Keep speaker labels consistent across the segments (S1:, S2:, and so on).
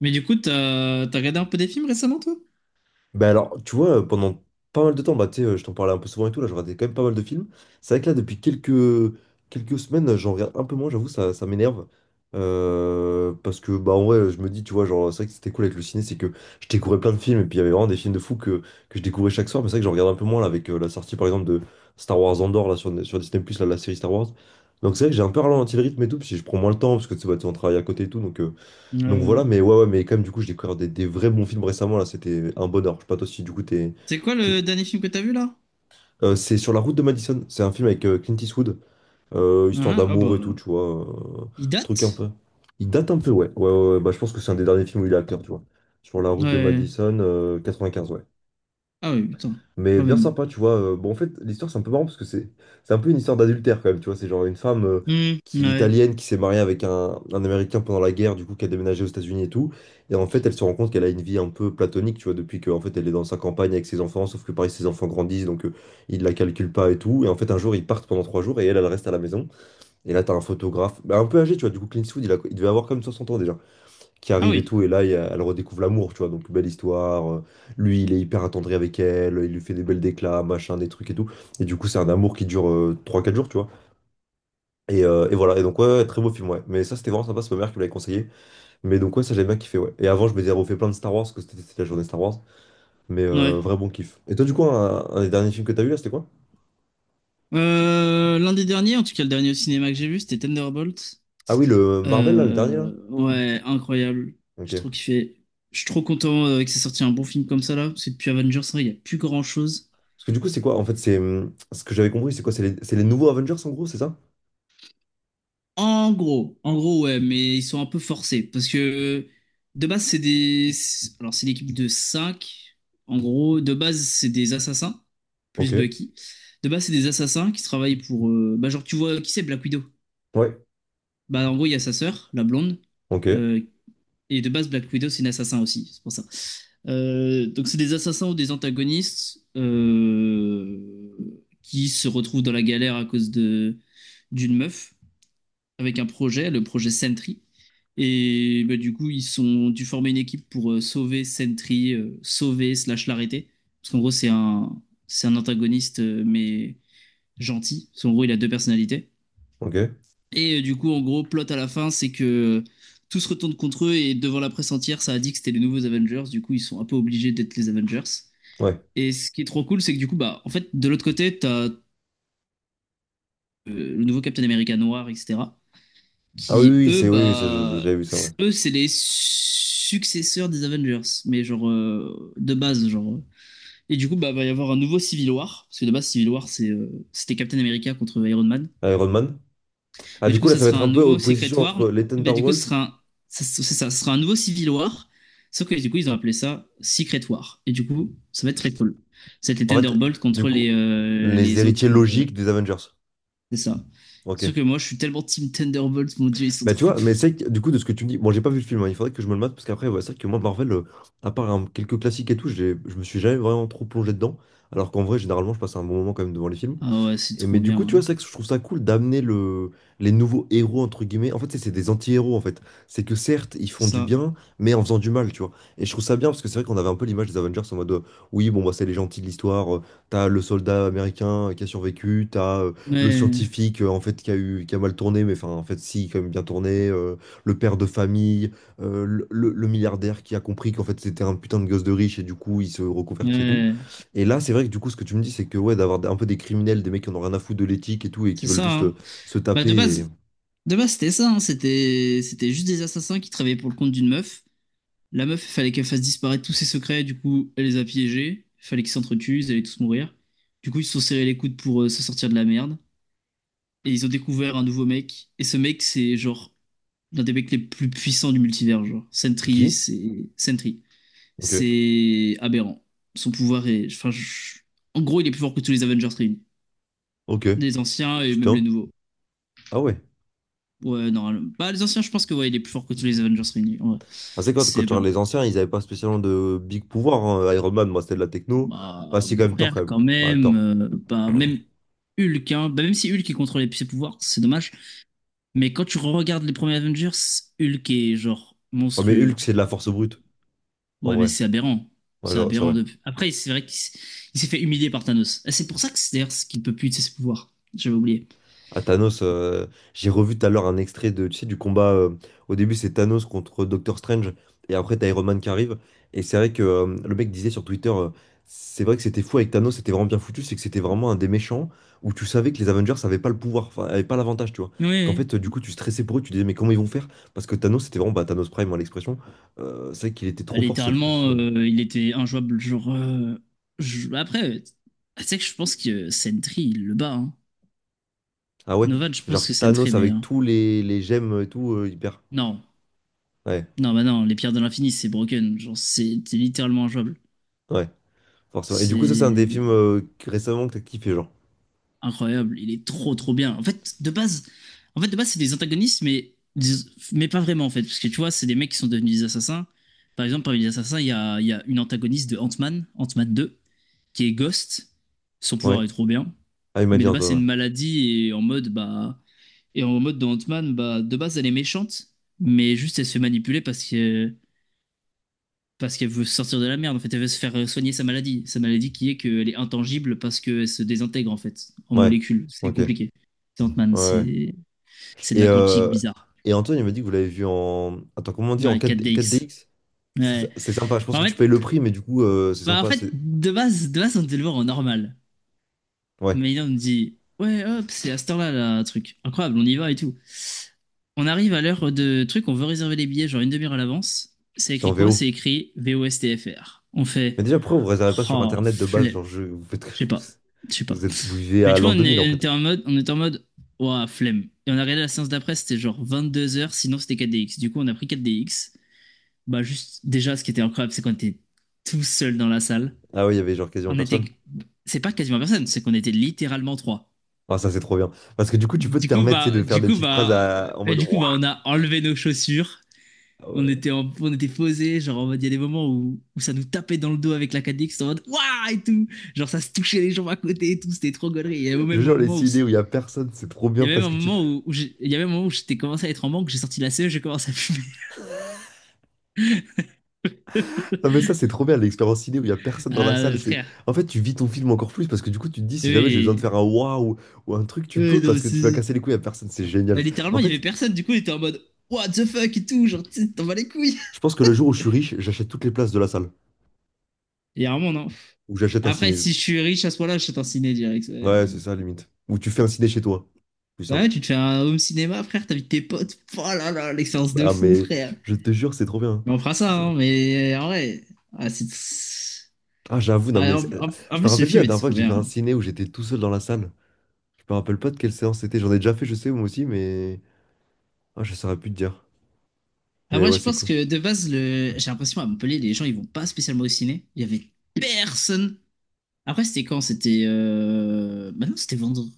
S1: Mais du coup, t'as regardé un peu des films récemment, toi?
S2: Bah alors, tu vois, pendant pas mal de temps, bah, tu sais, je t'en parlais un peu souvent et tout, là, je regardais quand même pas mal de films. C'est vrai que là, depuis quelques semaines, j'en regarde un peu moins, j'avoue, ça m'énerve. Parce que, bah, en vrai, je me dis, tu vois, genre, c'est vrai que c'était cool avec le ciné, c'est que je découvrais plein de films, et puis il y avait vraiment des films de fous que je découvrais chaque soir, mais c'est vrai que j'en regarde un peu moins, là, avec la sortie, par exemple, de Star Wars Andor, là, sur Disney+, là, la série Star Wars. Donc c'est vrai que j'ai un peu ralenti le rythme et tout, puis je prends moins le temps, parce que, tu sais, bah, tu sais, on travaille à côté et tout, donc
S1: Ouais.
S2: voilà, mais ouais, ouais, mais quand même, du coup, j'ai découvert des vrais bons films récemment, là, c'était un bonheur. Je sais pas toi si, du coup, t'es...
S1: C'est quoi
S2: t'es-
S1: le dernier film que t'as vu là?
S2: C'est Sur la route de Madison, c'est un film avec Clint Eastwood,
S1: Ah
S2: histoire
S1: ah, ah
S2: d'amour
S1: bah.
S2: et tout, tu vois, euh,
S1: Il
S2: truc un
S1: date?
S2: peu... Il date un peu, ouais. Ouais, ouais, ouais, bah je pense que c'est un des derniers films où il est acteur, tu vois. Sur la route de
S1: Ouais.
S2: Madison, 95, ouais.
S1: Ah oui, putain,
S2: Mais
S1: quand
S2: bien
S1: même.
S2: sympa, tu vois. Bon, en fait, l'histoire, c'est un peu marrant parce que c'est un peu une histoire d'adultère quand même, tu vois. C'est genre une femme
S1: Hmm,
S2: qui,
S1: ouais.
S2: italienne qui s'est mariée avec un Américain pendant la guerre, du coup, qui a déménagé aux États-Unis et tout. Et en fait, elle se rend compte qu'elle a une vie un peu platonique, tu vois, depuis qu'en fait, elle est dans sa campagne avec ses enfants, sauf que pareil, ses enfants grandissent, il la calcule pas et tout. Et en fait, un jour, ils partent pendant 3 jours et elle, elle reste à la maison. Et là, t'as un photographe, bah, un peu âgé, tu vois, du coup, Clint Eastwood, il devait avoir comme 60 ans déjà qui
S1: Ah
S2: arrive et
S1: oui,
S2: tout, et là, elle redécouvre l'amour, tu vois, donc belle histoire, lui, il est hyper attendri avec elle, il lui fait des belles déclats, machin, des trucs et tout, et du coup, c'est un amour qui dure 3-4 jours, tu vois, et voilà, et donc, ouais, ouais, très beau film, ouais, mais ça, c'était vraiment sympa, c'est ma mère qui me l'avait conseillé, mais donc, ouais, ça, j'ai bien kiffé, ouais, et avant, je me m'étais refait plein de Star Wars, parce que c'était la journée Star Wars, mais
S1: ouais.
S2: vrai bon kiff. Et toi, du coup, un des derniers films que t'as vu, là, c'était quoi?
S1: L'un des derniers, en tout cas le dernier au cinéma que j'ai vu, c'était Thunderbolt.
S2: Ah oui, le Marvel, là, le dernier, là?
S1: Ouais, incroyable. J'ai
S2: Ok.
S1: trop kiffé. Je suis trop content que c'est sorti un bon film comme ça là, parce que depuis Avengers, hein, il n'y a plus grand-chose.
S2: Parce que du coup, c'est quoi? En fait, c'est, ce que j'avais compris, c'est quoi? C'est les nouveaux Avengers, en gros, c'est ça?
S1: En gros, ouais, mais ils sont un peu forcés parce que de base, c'est des. Alors, c'est l'équipe de cinq. En gros, de base, c'est des assassins,
S2: Ok.
S1: plus Bucky. De base, c'est des assassins qui travaillent pour. Bah, genre, tu vois, qui c'est Black Widow?
S2: Ouais.
S1: Bah, en gros, il y a sa sœur, la blonde.
S2: Ok.
S1: euh, Et de base, Black Widow, c'est une assassin aussi, c'est pour ça. Donc, c'est des assassins ou des antagonistes qui se retrouvent dans la galère à cause de d'une meuf avec un projet, le projet Sentry. Et bah, du coup, ils sont dû former une équipe pour sauver Sentry, sauver slash l'arrêter. Parce qu'en gros, c'est un antagoniste, mais gentil. Parce qu'en gros, il a deux personnalités.
S2: Ok.
S1: Et du coup, en gros, plot à la fin, c'est que tout se retourne contre eux et devant la presse entière, ça a dit que c'était les nouveaux Avengers. Du coup, ils sont un peu obligés d'être les Avengers.
S2: Ouais.
S1: Et ce qui est trop cool, c'est que du coup, bah, en fait, de l'autre côté, t'as le nouveau Captain America noir, etc.
S2: Ah oui,
S1: qui
S2: oui,
S1: eux,
S2: c'est oui, oui, ça,
S1: bah,
S2: j'avais vu ça, ouais.
S1: eux, c'est les successeurs des Avengers, mais genre de base, genre. Et du coup, bah, va y avoir un nouveau Civil War, parce que de base, Civil War, c'était Captain America contre Iron Man.
S2: Iron Man. Ah,
S1: Mais
S2: du
S1: du coup,
S2: coup, là,
S1: ça
S2: ça va
S1: sera
S2: être un
S1: un
S2: peu
S1: nouveau Secret
S2: opposition
S1: War.
S2: entre les
S1: Et bah, du coup,
S2: Thunderbolts.
S1: ça, c'est ça, ce sera un nouveau Civil War. Sauf que du coup, ils ont appelé ça Secret War. Et du coup, ça va être très cool. C'était
S2: En fait,
S1: Thunderbolt
S2: du
S1: contre
S2: coup,
S1: les, euh,
S2: les
S1: les
S2: héritiers
S1: autres.
S2: logiques des Avengers.
S1: C'est ça.
S2: Ok.
S1: Sauf que moi, je suis tellement Team Thunderbolt, mon Dieu, ils sont
S2: Bah, tu
S1: trop.
S2: vois, mais c'est que, du coup, de ce que tu me dis, bon, j'ai pas vu le film, hein, il faudrait que je me le mate, parce qu'après, ouais, c'est vrai que moi, Marvel, à part hein, quelques classiques et tout, je me suis jamais vraiment trop plongé dedans. Alors qu'en vrai, généralement, je passe un bon moment quand même devant les films.
S1: Ah ouais, c'est
S2: Et,
S1: trop
S2: mais du
S1: bien,
S2: coup, tu vois, c'est
S1: hein.
S2: vrai que je trouve ça cool d'amener les nouveaux héros, entre guillemets. En fait, c'est des anti-héros, en fait. C'est que certes, ils
S1: C'est
S2: font du
S1: ça.
S2: bien, mais en faisant du mal, tu vois. Et je trouve ça bien, parce que c'est vrai qu'on avait un peu l'image des Avengers en mode, oui, bon, bah, c'est les gentils de l'histoire. T'as le soldat américain qui a survécu, t'as le
S1: Ouais,
S2: scientifique, en fait, qui a mal tourné, mais enfin, en fait, si, quand même bien tourné. Le père de famille, le milliardaire qui a compris qu'en fait, c'était un putain de gosse de riche, et du coup, il se reconvertit et tout.
S1: ouais,
S2: Et là, c'est vrai que du coup, ce que tu me dis, c'est que ouais, d'avoir un peu des criminels, des mecs qui en ont rien à foutre de l'éthique et tout, et qui
S1: c'est
S2: veulent
S1: ça,
S2: juste
S1: hein.
S2: se
S1: Bah
S2: taper.
S1: de base c'était ça, hein. C'était juste des assassins qui travaillaient pour le compte d'une meuf. La meuf, il fallait qu'elle fasse disparaître tous ses secrets. Du coup, elle les a piégés. Il fallait qu'ils s'entretuent. Ils allaient tous mourir. Du coup, ils se sont serrés les coudes pour se sortir de la merde. Et ils ont découvert un nouveau mec. Et ce mec, c'est genre l'un des mecs les plus puissants du multivers. Genre
S2: C'est qui?
S1: Sentry,
S2: Ok,
S1: c'est aberrant. Son pouvoir est, enfin, en gros, il est plus fort que tous les Avengers réunis,
S2: ok,
S1: les anciens et même les
S2: putain.
S1: nouveaux.
S2: Ah ouais.
S1: Ouais, normalement. Bah, les anciens, je pense que ouais, il est plus fort que tous les Avengers réunis, ouais.
S2: Ah, c'est quand
S1: C'est
S2: tu regardes
S1: bien.
S2: les anciens, ils avaient pas spécialement de big pouvoir. Hein. Iron Man, moi, c'était de la techno. Ah,
S1: Bah,
S2: si, quand
S1: mon
S2: même, Thor,
S1: frère,
S2: quand même.
S1: quand
S2: Bah,
S1: même.
S2: Thor.
S1: Bah, même Hulk, hein. Bah, même si Hulk il contrôlait ses pouvoirs, c'est dommage. Mais quand tu regardes les premiers Avengers, Hulk est genre
S2: Ouais, mais
S1: monstrueux.
S2: Hulk, c'est de la force brute, en
S1: Ouais, mais
S2: vrai.
S1: c'est aberrant.
S2: Ouais,
S1: C'est
S2: genre, c'est
S1: aberrant
S2: vrai.
S1: de... Après, c'est vrai qu'il s- il s'est fait humilier par Thanos. Et c'est pour ça que c'est d'ailleurs ce qu'il ne peut plus utiliser ses pouvoirs. J'avais oublié.
S2: À Thanos, j'ai revu tout à l'heure un extrait de, tu sais, du combat. Au début, c'est Thanos contre Doctor Strange, et après, t'as Iron Man qui arrive. Et c'est vrai que le mec disait sur Twitter, c'est vrai que c'était fou avec Thanos, c'était vraiment bien foutu, c'est que c'était vraiment un des méchants où tu savais que les Avengers n'avaient pas le pouvoir, enfin, avaient pas l'avantage, tu vois. Qu'en
S1: Oui,
S2: fait, du coup, tu stressais pour eux, tu disais, mais comment ils vont faire? Parce que Thanos, c'était vraiment bah, Thanos Prime, hein, l'expression. C'est vrai qu'il était
S1: bah,
S2: trop fort.
S1: littéralement, il était injouable. Genre, après, tu sais que je pense que Sentry, il le bat, hein.
S2: Ah ouais,
S1: Novan, je pense
S2: genre
S1: que Sentry est
S2: Thanos avec
S1: meilleur.
S2: tous les gemmes et tout, hyper.
S1: Non,
S2: Ouais,
S1: non, bah non, les pierres de l'infini, c'est broken. Genre, c'est littéralement injouable.
S2: ouais. Forcément. Et du coup, ça, c'est un des
S1: C'est
S2: films récemment que t'as kiffé, genre.
S1: incroyable. Il est trop, trop bien. En fait, de base, c'est des antagonistes, mais, mais pas vraiment, en fait. Parce que tu vois, c'est des mecs qui sont devenus des assassins. Par exemple, parmi les assassins, il y a une antagoniste de Ant-Man, Ant-Man 2, qui est Ghost. Son pouvoir
S2: Ouais.
S1: est trop bien.
S2: Ah, il m'a
S1: Mais
S2: dit
S1: de base, c'est une
S2: Antoine.
S1: maladie et en mode, bah. Et en mode de Ant-Man, bah, de base, elle est méchante. Mais juste, elle se fait manipuler parce que. Parce qu'elle veut sortir de la merde, en fait, elle veut se faire soigner sa maladie. Sa maladie qui est qu'elle est intangible parce qu'elle se désintègre, en fait, en
S2: Ouais.
S1: molécules.
S2: Ouais.
S1: C'est
S2: Ok. Ouais.
S1: compliqué. C'est Ant-Man,
S2: ouais.
S1: c'est de
S2: Et,
S1: la quantique
S2: euh,
S1: bizarre.
S2: et Antoine, il m'a dit que vous l'avez vu en. Attends, comment on dit? En
S1: Ouais,
S2: quatre d
S1: 4DX.
S2: 4DX? C'est
S1: Ouais.
S2: sympa. Je pense
S1: Bah,
S2: que
S1: En
S2: tu
S1: fait,
S2: payes le prix, mais du coup, c'est
S1: bah en
S2: sympa.
S1: fait,
S2: C'est...
S1: de base, on devait le voir en normal.
S2: Ouais.
S1: Mais là, on me dit, ouais, hop, c'est à cette heure-là, là, truc. Incroyable, on y va et tout. On arrive à l'heure de truc, on veut réserver les billets, genre une demi-heure à l'avance. C'est
S2: C'était en
S1: écrit quoi?
S2: VO.
S1: C'est écrit VOSTFR. On fait,
S2: Mais déjà, pourquoi vous réservez pas sur
S1: oh,
S2: Internet de base?
S1: flemme.
S2: Genre, je... vous faites...
S1: Je sais pas. Je sais pas.
S2: vous êtes... vous vivez
S1: Mais
S2: à
S1: du coup,
S2: l'an deux mille en fait.
S1: on était en mode, ouah, flemme. Et on a regardé la séance d'après, c'était genre 22 h, sinon c'était 4DX. Du coup, on a pris 4DX. Bah, juste, déjà, ce qui était incroyable, c'est qu'on était tout seul dans la salle.
S2: Ah oui, il y avait genre quasiment
S1: On était,
S2: personne.
S1: c'est pas quasiment personne, c'est qu'on était littéralement trois.
S2: Ah, ça, c'est trop bien. Parce que du coup, tu peux te
S1: Du coup,
S2: permettre, tu sais, de
S1: bah,
S2: faire
S1: du
S2: des
S1: coup,
S2: petites phrases
S1: bah,
S2: à- en mode. Ouah.
S1: on a enlevé nos chaussures.
S2: Ah
S1: On
S2: ouais.
S1: était, on était posés. Genre, en mode, il y a des moments où ça nous tapait dans le dos avec la 4DX en mode, waouh et tout. Genre, ça se touchait les jambes à côté et tout. C'était trop gaulerie.
S2: Je jure, les idées où il y a personne, c'est trop
S1: Il
S2: bien
S1: y a même
S2: parce
S1: un
S2: que
S1: moment où, Il y a même un moment où j'étais commencé à être en manque. J'ai sorti la CE, j'ai commencé à fumer.
S2: Non mais ça c'est trop bien l'expérience ciné où il y a personne dans la
S1: Ah,
S2: salle, c'est
S1: frère.
S2: en fait tu vis ton film encore plus parce que du coup tu te dis si jamais j'ai besoin de
S1: Oui.
S2: faire un waouh ou un truc tu peux
S1: Non,
S2: parce que tu vas casser les couilles à personne, c'est génial.
S1: bah, littéralement,
S2: En
S1: il y avait
S2: fait,
S1: personne. Du coup, il était en mode, what the fuck et tout. Genre, tu sais, t'en vas les couilles.
S2: je pense que le jour où je suis riche, j'achète toutes les places de la salle
S1: Il y a vraiment, non.
S2: ou j'achète un
S1: Après,
S2: ciné.
S1: si je suis riche à ce point-là, je suis en ciné direct. Ouais.
S2: Ouais, c'est ça limite. Ou tu fais un ciné chez toi, plus
S1: Bah ouais,
S2: simple.
S1: tu te fais un home cinéma, frère, t'invites tes potes. Oh là là, l'expérience de
S2: Ah
S1: fou,
S2: mais
S1: frère.
S2: je te jure, c'est trop bien. Hein.
S1: Mais on fera
S2: C'est
S1: ça,
S2: ça.
S1: hein, mais en vrai. ah, c'est-
S2: Ah j'avoue non mais
S1: Ah, en
S2: je me
S1: plus, le
S2: rappelle plus
S1: film
S2: la
S1: était
S2: dernière fois
S1: trop
S2: que j'ai fait
S1: bien,
S2: un
S1: hein.
S2: ciné où j'étais tout seul dans la salle. Je me rappelle pas de quelle séance c'était, j'en ai déjà fait je sais moi aussi mais ah je saurais plus te dire. Mais
S1: Après,
S2: ouais,
S1: je
S2: c'est
S1: pense
S2: cool.
S1: que de base, j'ai l'impression à Montpellier, les gens, ils vont pas spécialement au ciné. Il y avait personne. Après, c'était quand? C'était. Bah non, c'était vendredi?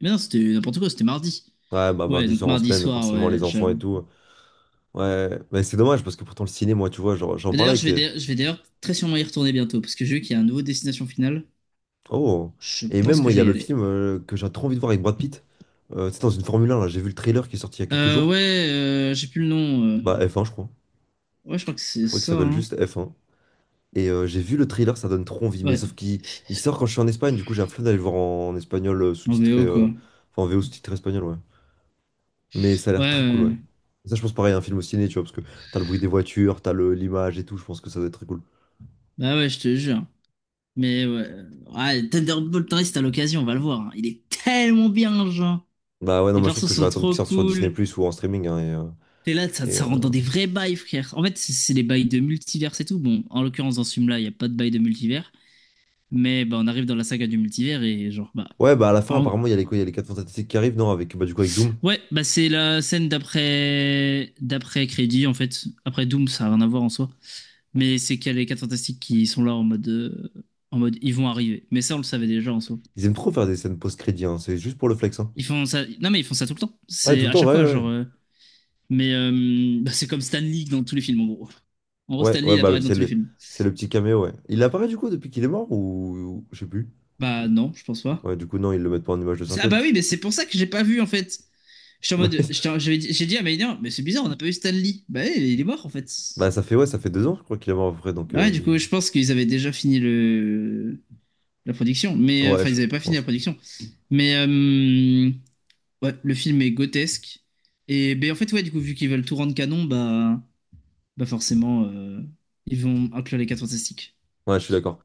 S1: Mais non, c'était n'importe quoi, c'était mardi.
S2: Ouais, bah,
S1: Ouais,
S2: 10
S1: donc
S2: heures en
S1: mardi
S2: semaine,
S1: soir,
S2: forcément,
S1: ouais,
S2: les enfants et
S1: j'avoue.
S2: tout. Ouais, mais c'est dommage parce que pourtant, le ciné, moi, tu vois, genre, j'en
S1: Mais
S2: parlais
S1: d'ailleurs,
S2: avec.
S1: je vais d'ailleurs très sûrement y retourner bientôt, parce que j'ai vu qu'il y a un nouveau destination finale.
S2: Oh!
S1: Je
S2: Et même,
S1: pense que
S2: moi, il
S1: je
S2: y
S1: vais
S2: a
S1: y
S2: le
S1: aller.
S2: film que j'ai trop envie de voir avec Brad Pitt. C'est dans une Formule 1, là. J'ai vu le trailer qui est sorti il y a quelques jours.
S1: Ouais, j'ai plus le nom.
S2: Bah, F1 je crois.
S1: Ouais, je crois que c'est
S2: Je crois qu'il
S1: ça,
S2: s'appelle
S1: hein.
S2: juste F1 j'ai vu le trailer, ça donne trop envie. Mais
S1: Ouais,
S2: sauf qu'il il sort quand je suis en Espagne, du coup, j'ai la flemme d'aller le voir en espagnol
S1: en
S2: sous-titré.
S1: VO, quoi. Ouais,
S2: Enfin, en VO sous-titré espagnol, ouais. Mais ça a
S1: ouais,
S2: l'air très cool,
S1: ouais.
S2: ouais. Ça, je pense pareil, un film au ciné, tu vois, parce que t'as le bruit des voitures, l'image et tout, je pense que ça doit être très cool.
S1: Bah ouais, je te jure. Mais ouais. Ouais, Thunderbolt Torres, t'as l'occasion, on va le voir, hein. Il est tellement bien, genre.
S2: Bah ouais, non,
S1: Les
S2: moi je pense
S1: persos
S2: que je vais
S1: sont
S2: attendre qu'il
S1: trop
S2: sorte sur Disney+,
S1: cool.
S2: plus ou en streaming, hein,
S1: T'es là, ça,
S2: et,
S1: ça
S2: euh,
S1: rentre dans des vrais bails, frère. En fait, c'est les bails de multivers et tout. Bon, en l'occurrence, dans ce film-là, il n'y a pas de bail de multivers. Mais bah, on arrive dans la saga du multivers et genre, bah.
S2: Ouais, bah à la fin,
S1: en-
S2: apparemment, il y a les quoi, il y a les 4 Fantastiques qui arrivent, non, avec, bah du coup, avec Doom.
S1: Ouais, bah c'est la scène d'après d'après crédit, en fait. Après Doom, ça n'a rien à voir en soi. Mais c'est qu'il y a les 4 Fantastiques qui sont là en mode ils vont arriver. Mais ça, on le savait déjà en soi.
S2: Ils aiment trop faire des scènes post-crédit, hein, c'est juste pour le flex, hein.
S1: Ils font ça. Non, mais ils font ça tout le temps.
S2: Ouais, tout
S1: C'est
S2: le
S1: à
S2: temps,
S1: chaque
S2: ouais,
S1: fois,
S2: ouais.
S1: genre. Mais bah, c'est comme Stan Lee dans tous les films, en gros. En gros,
S2: Ouais,
S1: Stan Lee,
S2: ouais,
S1: il apparaît dans
S2: c'est
S1: tous les films.
S2: c'est le petit caméo, ouais. Il apparaît du coup depuis qu'il est mort, ou- Je sais plus.
S1: Bah non, je pense pas.
S2: Ouais, du coup, non, ils le mettent pas en image de
S1: Ah
S2: synthèse.
S1: bah oui, mais c'est pour ça que j'ai pas vu, en fait. J'étais en
S2: Bah
S1: mode.
S2: oui.
S1: J'ai dit à Maïner, mais c'est bizarre, on n'a pas vu Stan Lee. Bah oui, il est mort, en fait.
S2: Bah, ça fait, ouais, ça fait 2 ans, je crois qu'il est mort, à peu près, donc...
S1: Ouais, du coup, je pense qu'ils avaient déjà fini la production.
S2: Ouais,
S1: Enfin, ils avaient
S2: je
S1: pas fini la
S2: pense.
S1: production. Mais. euh, Ouais, le film est grotesque. Et ben, en fait, ouais, du coup, vu qu'ils veulent tout rendre canon, bah, forcément, ils vont inclure les quatre fantastiques.
S2: Ouais, je suis d'accord.